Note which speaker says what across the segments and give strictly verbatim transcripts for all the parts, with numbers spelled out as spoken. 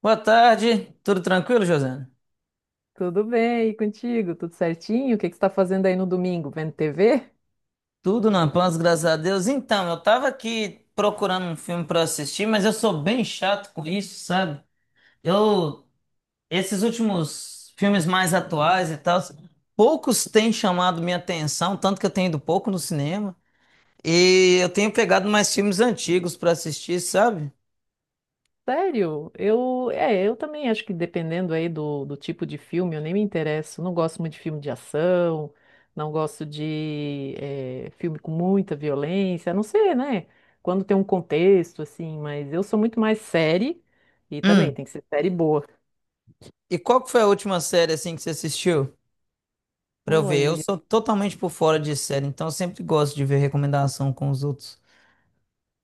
Speaker 1: Boa tarde, tudo tranquilo, Josana?
Speaker 2: Tudo bem, e contigo? Tudo certinho? O que que você está fazendo aí no domingo? Vendo T V?
Speaker 1: Tudo na paz, graças a Deus. Então, eu tava aqui procurando um filme pra assistir, mas eu sou bem chato com isso, sabe? Eu, esses últimos filmes mais atuais e tal, poucos têm chamado minha atenção, tanto que eu tenho ido pouco no cinema, e eu tenho pegado mais filmes antigos pra assistir, sabe?
Speaker 2: Sério? Eu, é, eu também acho que dependendo aí do, do tipo de filme, eu nem me interesso. Não gosto muito de filme de ação, não gosto de eh, filme com muita violência, a não ser, né? Quando tem um contexto, assim, mas eu sou muito mais série e também
Speaker 1: Hum.
Speaker 2: tem que ser série boa.
Speaker 1: E qual que foi a última série assim que você assistiu? Pra eu ver, eu
Speaker 2: Olha.
Speaker 1: sou totalmente por fora de série, então eu sempre gosto de ver recomendação com os outros.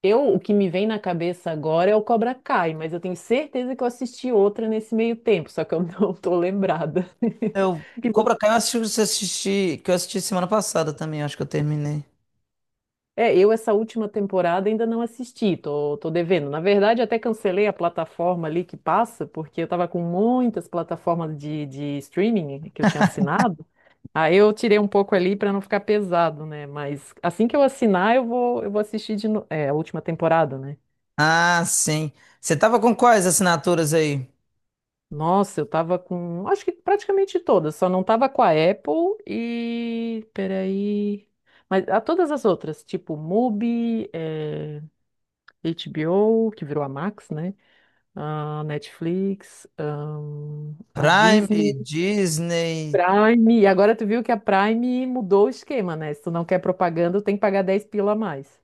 Speaker 2: Eu, o que me vem na cabeça agora é o Cobra Kai, mas eu tenho certeza que eu assisti outra nesse meio tempo, só que eu não tô lembrada.
Speaker 1: Eu,
Speaker 2: E você-
Speaker 1: Cobra Kai eu assisti, eu assisti- que eu assisti semana passada também, acho que eu terminei.
Speaker 2: É, eu essa última temporada ainda não assisti, tô, tô devendo. Na verdade, até cancelei a plataforma ali que passa, porque eu tava com muitas plataformas de, de streaming que eu tinha assinado. Aí eu tirei um pouco ali pra não ficar pesado, né? Mas assim que eu assinar, eu vou, eu vou assistir de no... é, a última temporada, né?
Speaker 1: Ah, sim. Você tava com quais assinaturas aí?
Speaker 2: Nossa, eu tava com, acho que praticamente todas, só não tava com a Apple e, peraí, mas a todas as outras, tipo MUBI, eh, H B O, que virou a Max, né? A Netflix, ahn, a
Speaker 1: Prime,
Speaker 2: Disney,
Speaker 1: Disney.
Speaker 2: Prime, e agora tu viu que a Prime mudou o esquema, né? Se tu não quer propaganda, tem que pagar dez pila a mais.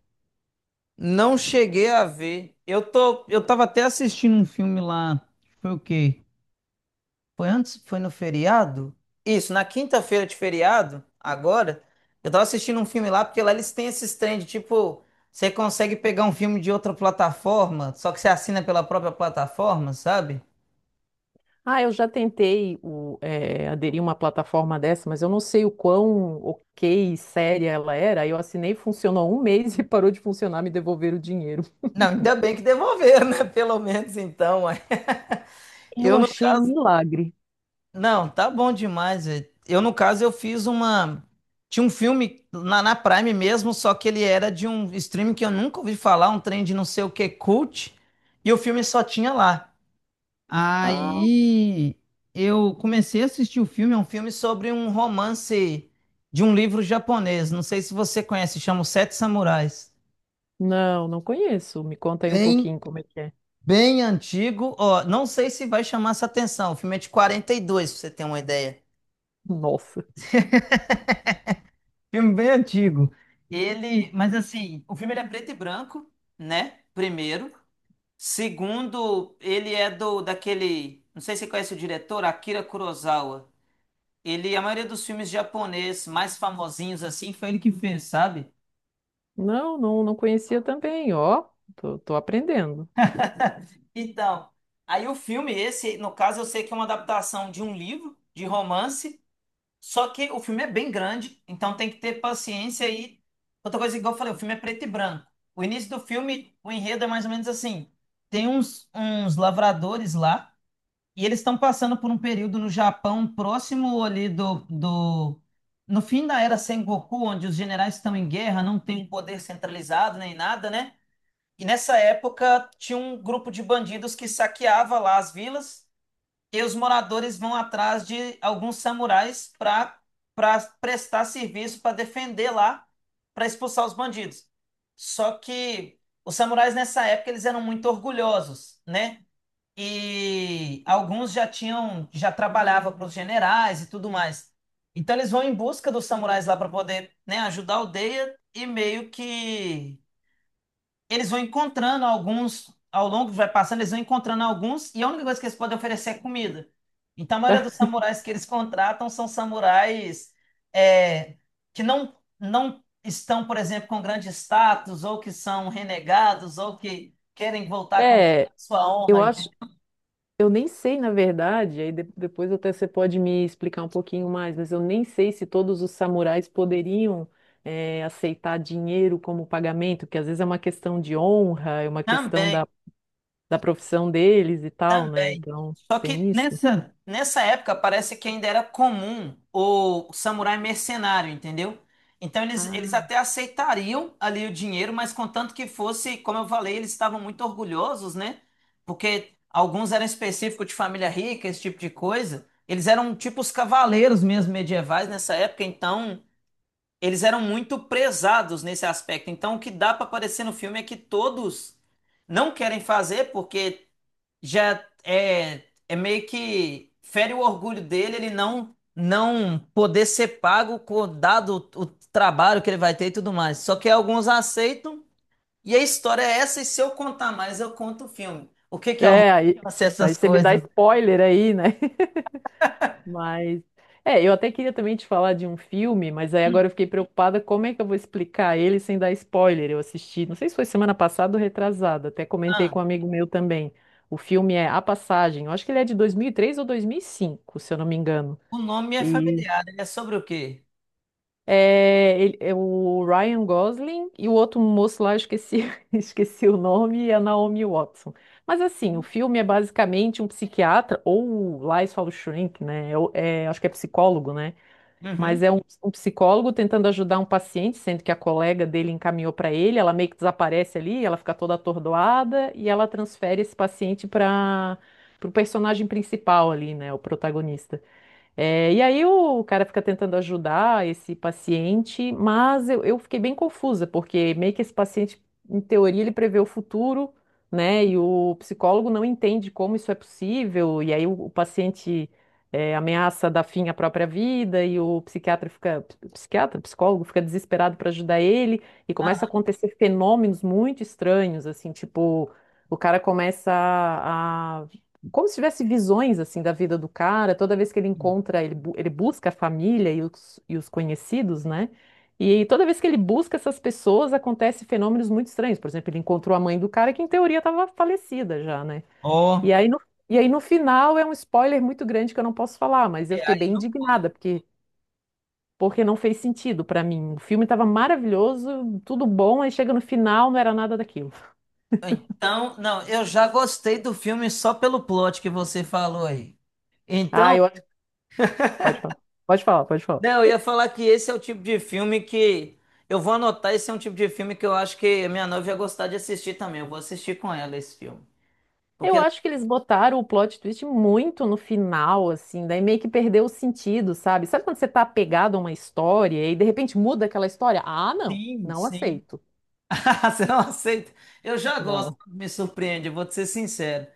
Speaker 1: Não cheguei a ver. Eu tô, eu tava até assistindo um filme lá. Foi o quê? Foi antes? Foi no feriado? Isso, na quinta-feira de feriado, agora, eu tava assistindo um filme lá, porque lá eles têm esses trem de tipo, você consegue pegar um filme de outra plataforma, só que você assina pela própria plataforma, sabe?
Speaker 2: Ah, eu já tentei o, eh, aderir a uma plataforma dessa, mas eu não sei o quão ok e séria ela era. Aí eu assinei, funcionou um mês e parou de funcionar, me devolveram o dinheiro.
Speaker 1: Não, ainda bem que devolveram, né? Pelo menos então, ué.
Speaker 2: Eu
Speaker 1: Eu no
Speaker 2: achei um
Speaker 1: caso,
Speaker 2: milagre.
Speaker 1: não, tá bom demais, velho. Eu no caso eu fiz uma tinha um filme na, na Prime mesmo, só que ele era de um streaming que eu nunca ouvi falar, um trem de não sei o que cult, e o filme só tinha lá.
Speaker 2: Ah,
Speaker 1: Aí eu comecei a assistir o filme, é um filme sobre um romance de um livro japonês. Não sei se você conhece, chama Os Sete Samurais.
Speaker 2: não, não conheço. Me conta aí um
Speaker 1: Bem
Speaker 2: pouquinho como é que é.
Speaker 1: Bem antigo, ó, não sei se vai chamar essa atenção. O filme é de quarenta e dois, pra você ter uma ideia.
Speaker 2: Nossa.
Speaker 1: Filme bem antigo. Ele, mas assim, o filme ele é preto e branco, né? Primeiro. Segundo, ele é do daquele, não sei se você conhece o diretor, Akira Kurosawa. Ele, a maioria dos filmes japoneses mais famosinhos assim, foi ele que fez, sabe?
Speaker 2: Não, não, não conhecia também, ó. Tô, tô aprendendo.
Speaker 1: Então, aí o filme esse, no caso, eu sei que é uma adaptação de um livro de romance. Só que o filme é bem grande, então tem que ter paciência e outra coisa, igual eu falei, o filme é preto e branco. O início do filme, o enredo é mais ou menos assim: tem uns, uns lavradores lá e eles estão passando por um período no Japão próximo ali do, do. No fim da era Sengoku, onde os generais estão em guerra, não tem um poder centralizado nem nada, né? E nessa época tinha um grupo de bandidos que saqueava lá as vilas e os moradores vão atrás de alguns samurais para para prestar serviço para defender lá, para expulsar os bandidos. Só que os samurais nessa época eles eram muito orgulhosos, né? E alguns já tinham já trabalhava para os generais e tudo mais. Então eles vão em busca dos samurais lá para poder, né, ajudar a aldeia e meio que eles vão encontrando alguns, ao longo que vai passando, eles vão encontrando alguns, e a única coisa que eles podem oferecer é comida. Então, a maioria dos samurais que eles contratam são samurais é, que não, não estão, por exemplo, com grande status, ou que são renegados, ou que querem voltar com
Speaker 2: É,
Speaker 1: sua
Speaker 2: eu
Speaker 1: honra,
Speaker 2: acho
Speaker 1: entendeu?
Speaker 2: Eu nem sei, na verdade, aí de- depois até você pode me explicar um pouquinho mais, mas eu nem sei se todos os samurais poderiam eh, aceitar dinheiro como pagamento, que às vezes é uma questão de honra, é uma questão
Speaker 1: Também.
Speaker 2: da, da profissão deles e tal, né?
Speaker 1: Também.
Speaker 2: Então,
Speaker 1: Só que
Speaker 2: tem isso.
Speaker 1: nessa, nessa época parece que ainda era comum o samurai mercenário, entendeu? Então eles, eles
Speaker 2: Ah.
Speaker 1: até aceitariam ali o dinheiro, mas contanto que fosse, como eu falei, eles estavam muito orgulhosos, né? Porque alguns eram específicos de família rica, esse tipo de coisa. Eles eram tipo os cavaleiros mesmo medievais nessa época, então eles eram muito prezados nesse aspecto. Então o que dá para aparecer no filme é que todos não querem fazer porque já é, é meio que fere o orgulho dele, ele não não poder ser pago com dado o trabalho que ele vai ter e tudo mais. Só que alguns aceitam e a história é essa e se eu contar mais eu conto o filme. O que que é orgulho?
Speaker 2: É, aí,
Speaker 1: Fazer
Speaker 2: aí
Speaker 1: essas
Speaker 2: você me dá
Speaker 1: coisas.
Speaker 2: spoiler aí, né? Mas é, eu até queria também te falar de um filme, mas aí
Speaker 1: Hum.
Speaker 2: agora eu fiquei preocupada como é que eu vou explicar ele sem dar spoiler. Eu assisti, não sei se foi semana passada ou retrasada, até comentei
Speaker 1: Ah,
Speaker 2: com um amigo meu também. O filme é A Passagem. Eu acho que ele é de dois mil e três ou dois mil e cinco, se eu não me engano.
Speaker 1: o nome é
Speaker 2: E
Speaker 1: familiar, ele é sobre o quê?
Speaker 2: é, ele- é o Ryan Gosling e o outro moço lá, eu esqueci, esqueci o nome, e a Naomi Watson. Mas assim, o filme é basicamente um psiquiatra, ou lá eles falam shrink, né? É o- é, acho que é psicólogo, né?
Speaker 1: Uhum.
Speaker 2: Mas é um, um psicólogo tentando ajudar um paciente, sendo que a colega dele encaminhou para ele, ela meio que desaparece ali, ela fica toda atordoada e ela transfere esse paciente para o personagem principal ali, né, o protagonista. É, e aí o cara fica tentando ajudar esse paciente, mas eu, eu fiquei bem confusa, porque meio que esse paciente, em teoria, ele prevê o futuro, né? E o psicólogo não entende como isso é possível, e aí o, o paciente é, ameaça dar fim à própria vida, e o psiquiatra fica, psiquiatra, psicólogo fica desesperado para ajudar ele, e começa a
Speaker 1: Ah,
Speaker 2: acontecer fenômenos muito estranhos, assim, tipo, o cara começa a como se tivesse visões assim da vida do cara, toda vez que ele encontra, ele, bu- ele busca a família e os, e os conhecidos, né? E toda vez que ele busca essas pessoas, acontece fenômenos muito estranhos. Por exemplo, ele encontrou a mãe do cara que em teoria estava falecida já, né?
Speaker 1: oh,
Speaker 2: E aí no, e aí no final é um spoiler muito grande que eu não posso falar, mas eu
Speaker 1: é,
Speaker 2: fiquei
Speaker 1: aí
Speaker 2: bem
Speaker 1: não pode.
Speaker 2: indignada porque porque não fez sentido pra mim. O filme estava maravilhoso, tudo bom, aí chega no final, não era nada daquilo.
Speaker 1: Então, não, eu já gostei do filme só pelo plot que você falou aí.
Speaker 2: Ah,
Speaker 1: Então,
Speaker 2: eu acho. Pode falar. Pode falar, pode falar.
Speaker 1: não, eu ia falar que esse é o tipo de filme que. Eu vou anotar, esse é um tipo de filme que eu acho que a minha noiva ia gostar de assistir também. Eu vou assistir com ela esse filme. Porque.
Speaker 2: Eu acho que eles botaram o plot twist muito no final, assim, daí meio que perdeu o sentido, sabe? Sabe quando você tá apegado a uma história e de repente muda aquela história? Ah, não,
Speaker 1: Sim,
Speaker 2: não
Speaker 1: sim.
Speaker 2: aceito.
Speaker 1: Você não aceita? Eu já gosto,
Speaker 2: Não.
Speaker 1: me surpreende, eu vou te ser sincero.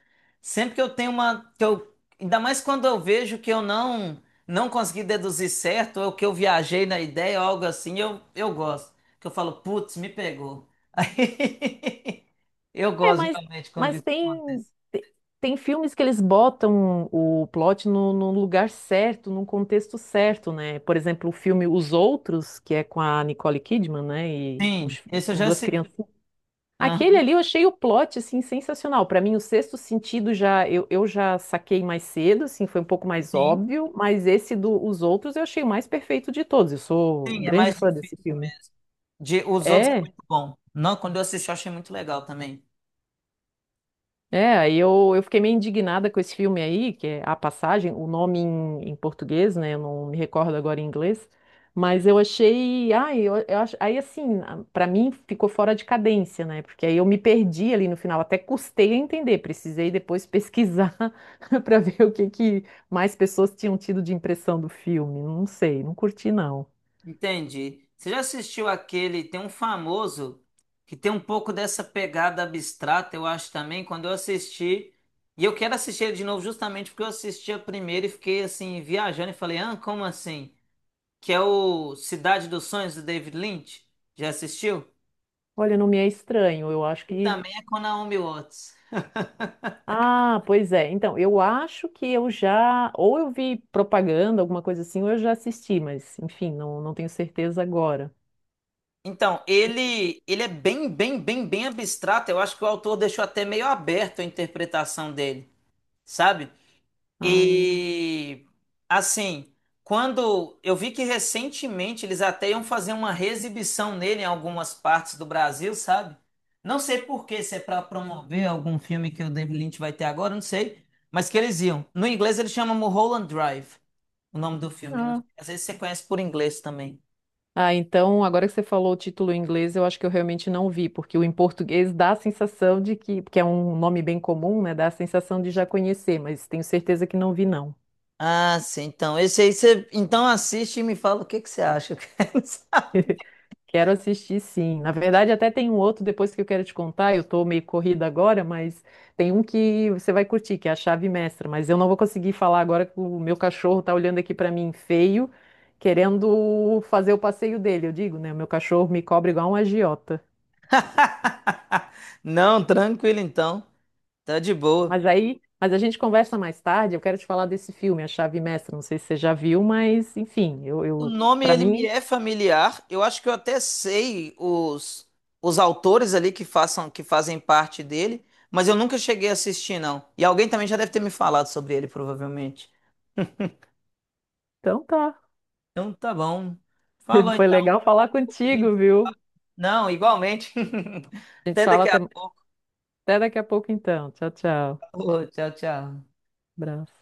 Speaker 1: Sempre que eu tenho uma. Que eu, ainda mais quando eu vejo que eu não não consegui deduzir certo, ou que eu viajei na ideia, ou algo assim, eu, eu gosto. Que eu falo, putz, me pegou. Aí, eu
Speaker 2: É,
Speaker 1: gosto
Speaker 2: mas,
Speaker 1: geralmente quando
Speaker 2: mas
Speaker 1: isso
Speaker 2: tem,
Speaker 1: acontece.
Speaker 2: te- tem filmes que eles botam o plot no, no lugar certo, num contexto certo, né? Por exemplo, o filme Os Outros, que é com a Nicole Kidman, né? E com,
Speaker 1: Sim,
Speaker 2: os-
Speaker 1: esse eu
Speaker 2: com
Speaker 1: já
Speaker 2: duas
Speaker 1: assisti.
Speaker 2: crianças.
Speaker 1: Ah,
Speaker 2: Aquele ali eu achei o plot, assim, sensacional. Para mim, o Sexto Sentido já eu, eu já saquei mais cedo, assim, foi um pouco mais
Speaker 1: sim,
Speaker 2: óbvio, mas esse dos Os Outros eu achei o mais perfeito de todos. Eu sou
Speaker 1: sim, é
Speaker 2: grande
Speaker 1: mais
Speaker 2: fã desse
Speaker 1: difícil
Speaker 2: filme.
Speaker 1: mesmo. De, os outros é
Speaker 2: É?
Speaker 1: muito bom. Não, quando eu assisti, eu achei muito legal também.
Speaker 2: É, aí eu, eu fiquei meio indignada com esse filme aí, que é A Passagem, o nome em, em português, né? Eu não me recordo agora em inglês, mas eu achei. Ai, eu, eu acho, aí assim, a- pra mim ficou fora de cadência, né? Porque aí eu me perdi ali no final, até custei a entender, precisei depois pesquisar pra ver o que que mais pessoas tinham tido de impressão do filme. Não sei, não curti não.
Speaker 1: Entendi. Você já assistiu aquele? Tem um famoso que tem um pouco dessa pegada abstrata, eu acho também. Quando eu assisti, e eu quero assistir ele de novo, justamente porque eu assisti a primeira e fiquei assim, viajando e falei, ah, como assim? Que é o Cidade dos Sonhos do David Lynch. Já assistiu?
Speaker 2: Olha, não me é estranho, eu acho
Speaker 1: E
Speaker 2: que.
Speaker 1: também é com Naomi Watts.
Speaker 2: Ah, pois é. Então, eu acho que eu já, ou eu vi propaganda, alguma coisa assim, ou eu já assisti, mas enfim, não, não tenho certeza agora.
Speaker 1: Então,
Speaker 2: Sim.
Speaker 1: ele, ele é bem, bem, bem, bem abstrato. Eu acho que o autor deixou até meio aberto a interpretação dele, sabe?
Speaker 2: Ah,
Speaker 1: E, assim, quando eu vi que recentemente eles até iam fazer uma reexibição nele em algumas partes do Brasil, sabe? Não sei por quê, se é para promover algum filme que o David Lynch vai ter agora, não sei. Mas que eles iam. No inglês ele chama Mulholland Drive, o nome do filme. Não-
Speaker 2: ah.
Speaker 1: Às vezes você conhece por inglês também.
Speaker 2: Ah, então, agora que você falou o título em inglês, eu acho que eu realmente não vi, porque o em português dá a sensação de que, porque é um nome bem comum, né? Dá a sensação de já conhecer, mas tenho certeza que não vi, não.
Speaker 1: Ah, sim. Então, esse aí você então assiste e me fala o que que você acha. Eu quero saber.
Speaker 2: Quero assistir, sim. Na verdade, até tem um outro depois que eu quero te contar. Eu tô meio corrida agora, mas tem um que você vai curtir, que é a Chave Mestra. Mas eu não vou conseguir falar agora que o meu cachorro tá olhando aqui pra mim feio, querendo fazer o passeio dele. Eu digo, né? O meu cachorro me cobra igual um agiota.
Speaker 1: Não, tranquilo então. Tá de boa.
Speaker 2: Mas aí, mas a gente conversa mais tarde. Eu quero te falar desse filme, A Chave Mestra. Não sei se você já viu, mas enfim, eu,
Speaker 1: O
Speaker 2: eu
Speaker 1: nome
Speaker 2: para
Speaker 1: ele me
Speaker 2: mim,
Speaker 1: é familiar. Eu acho que eu até sei os os autores ali que façam que fazem parte dele, mas eu nunca cheguei a assistir não. E alguém também já deve ter me falado sobre ele, provavelmente.
Speaker 2: então tá.
Speaker 1: Então, tá bom. Falou
Speaker 2: Foi
Speaker 1: então,
Speaker 2: legal falar
Speaker 1: gente.
Speaker 2: contigo, viu?
Speaker 1: Não, igualmente.
Speaker 2: A gente
Speaker 1: Até
Speaker 2: fala
Speaker 1: daqui
Speaker 2: até,
Speaker 1: a pouco.
Speaker 2: até daqui a pouco, então. Tchau, tchau.
Speaker 1: Tchau, tchau.
Speaker 2: Bravo.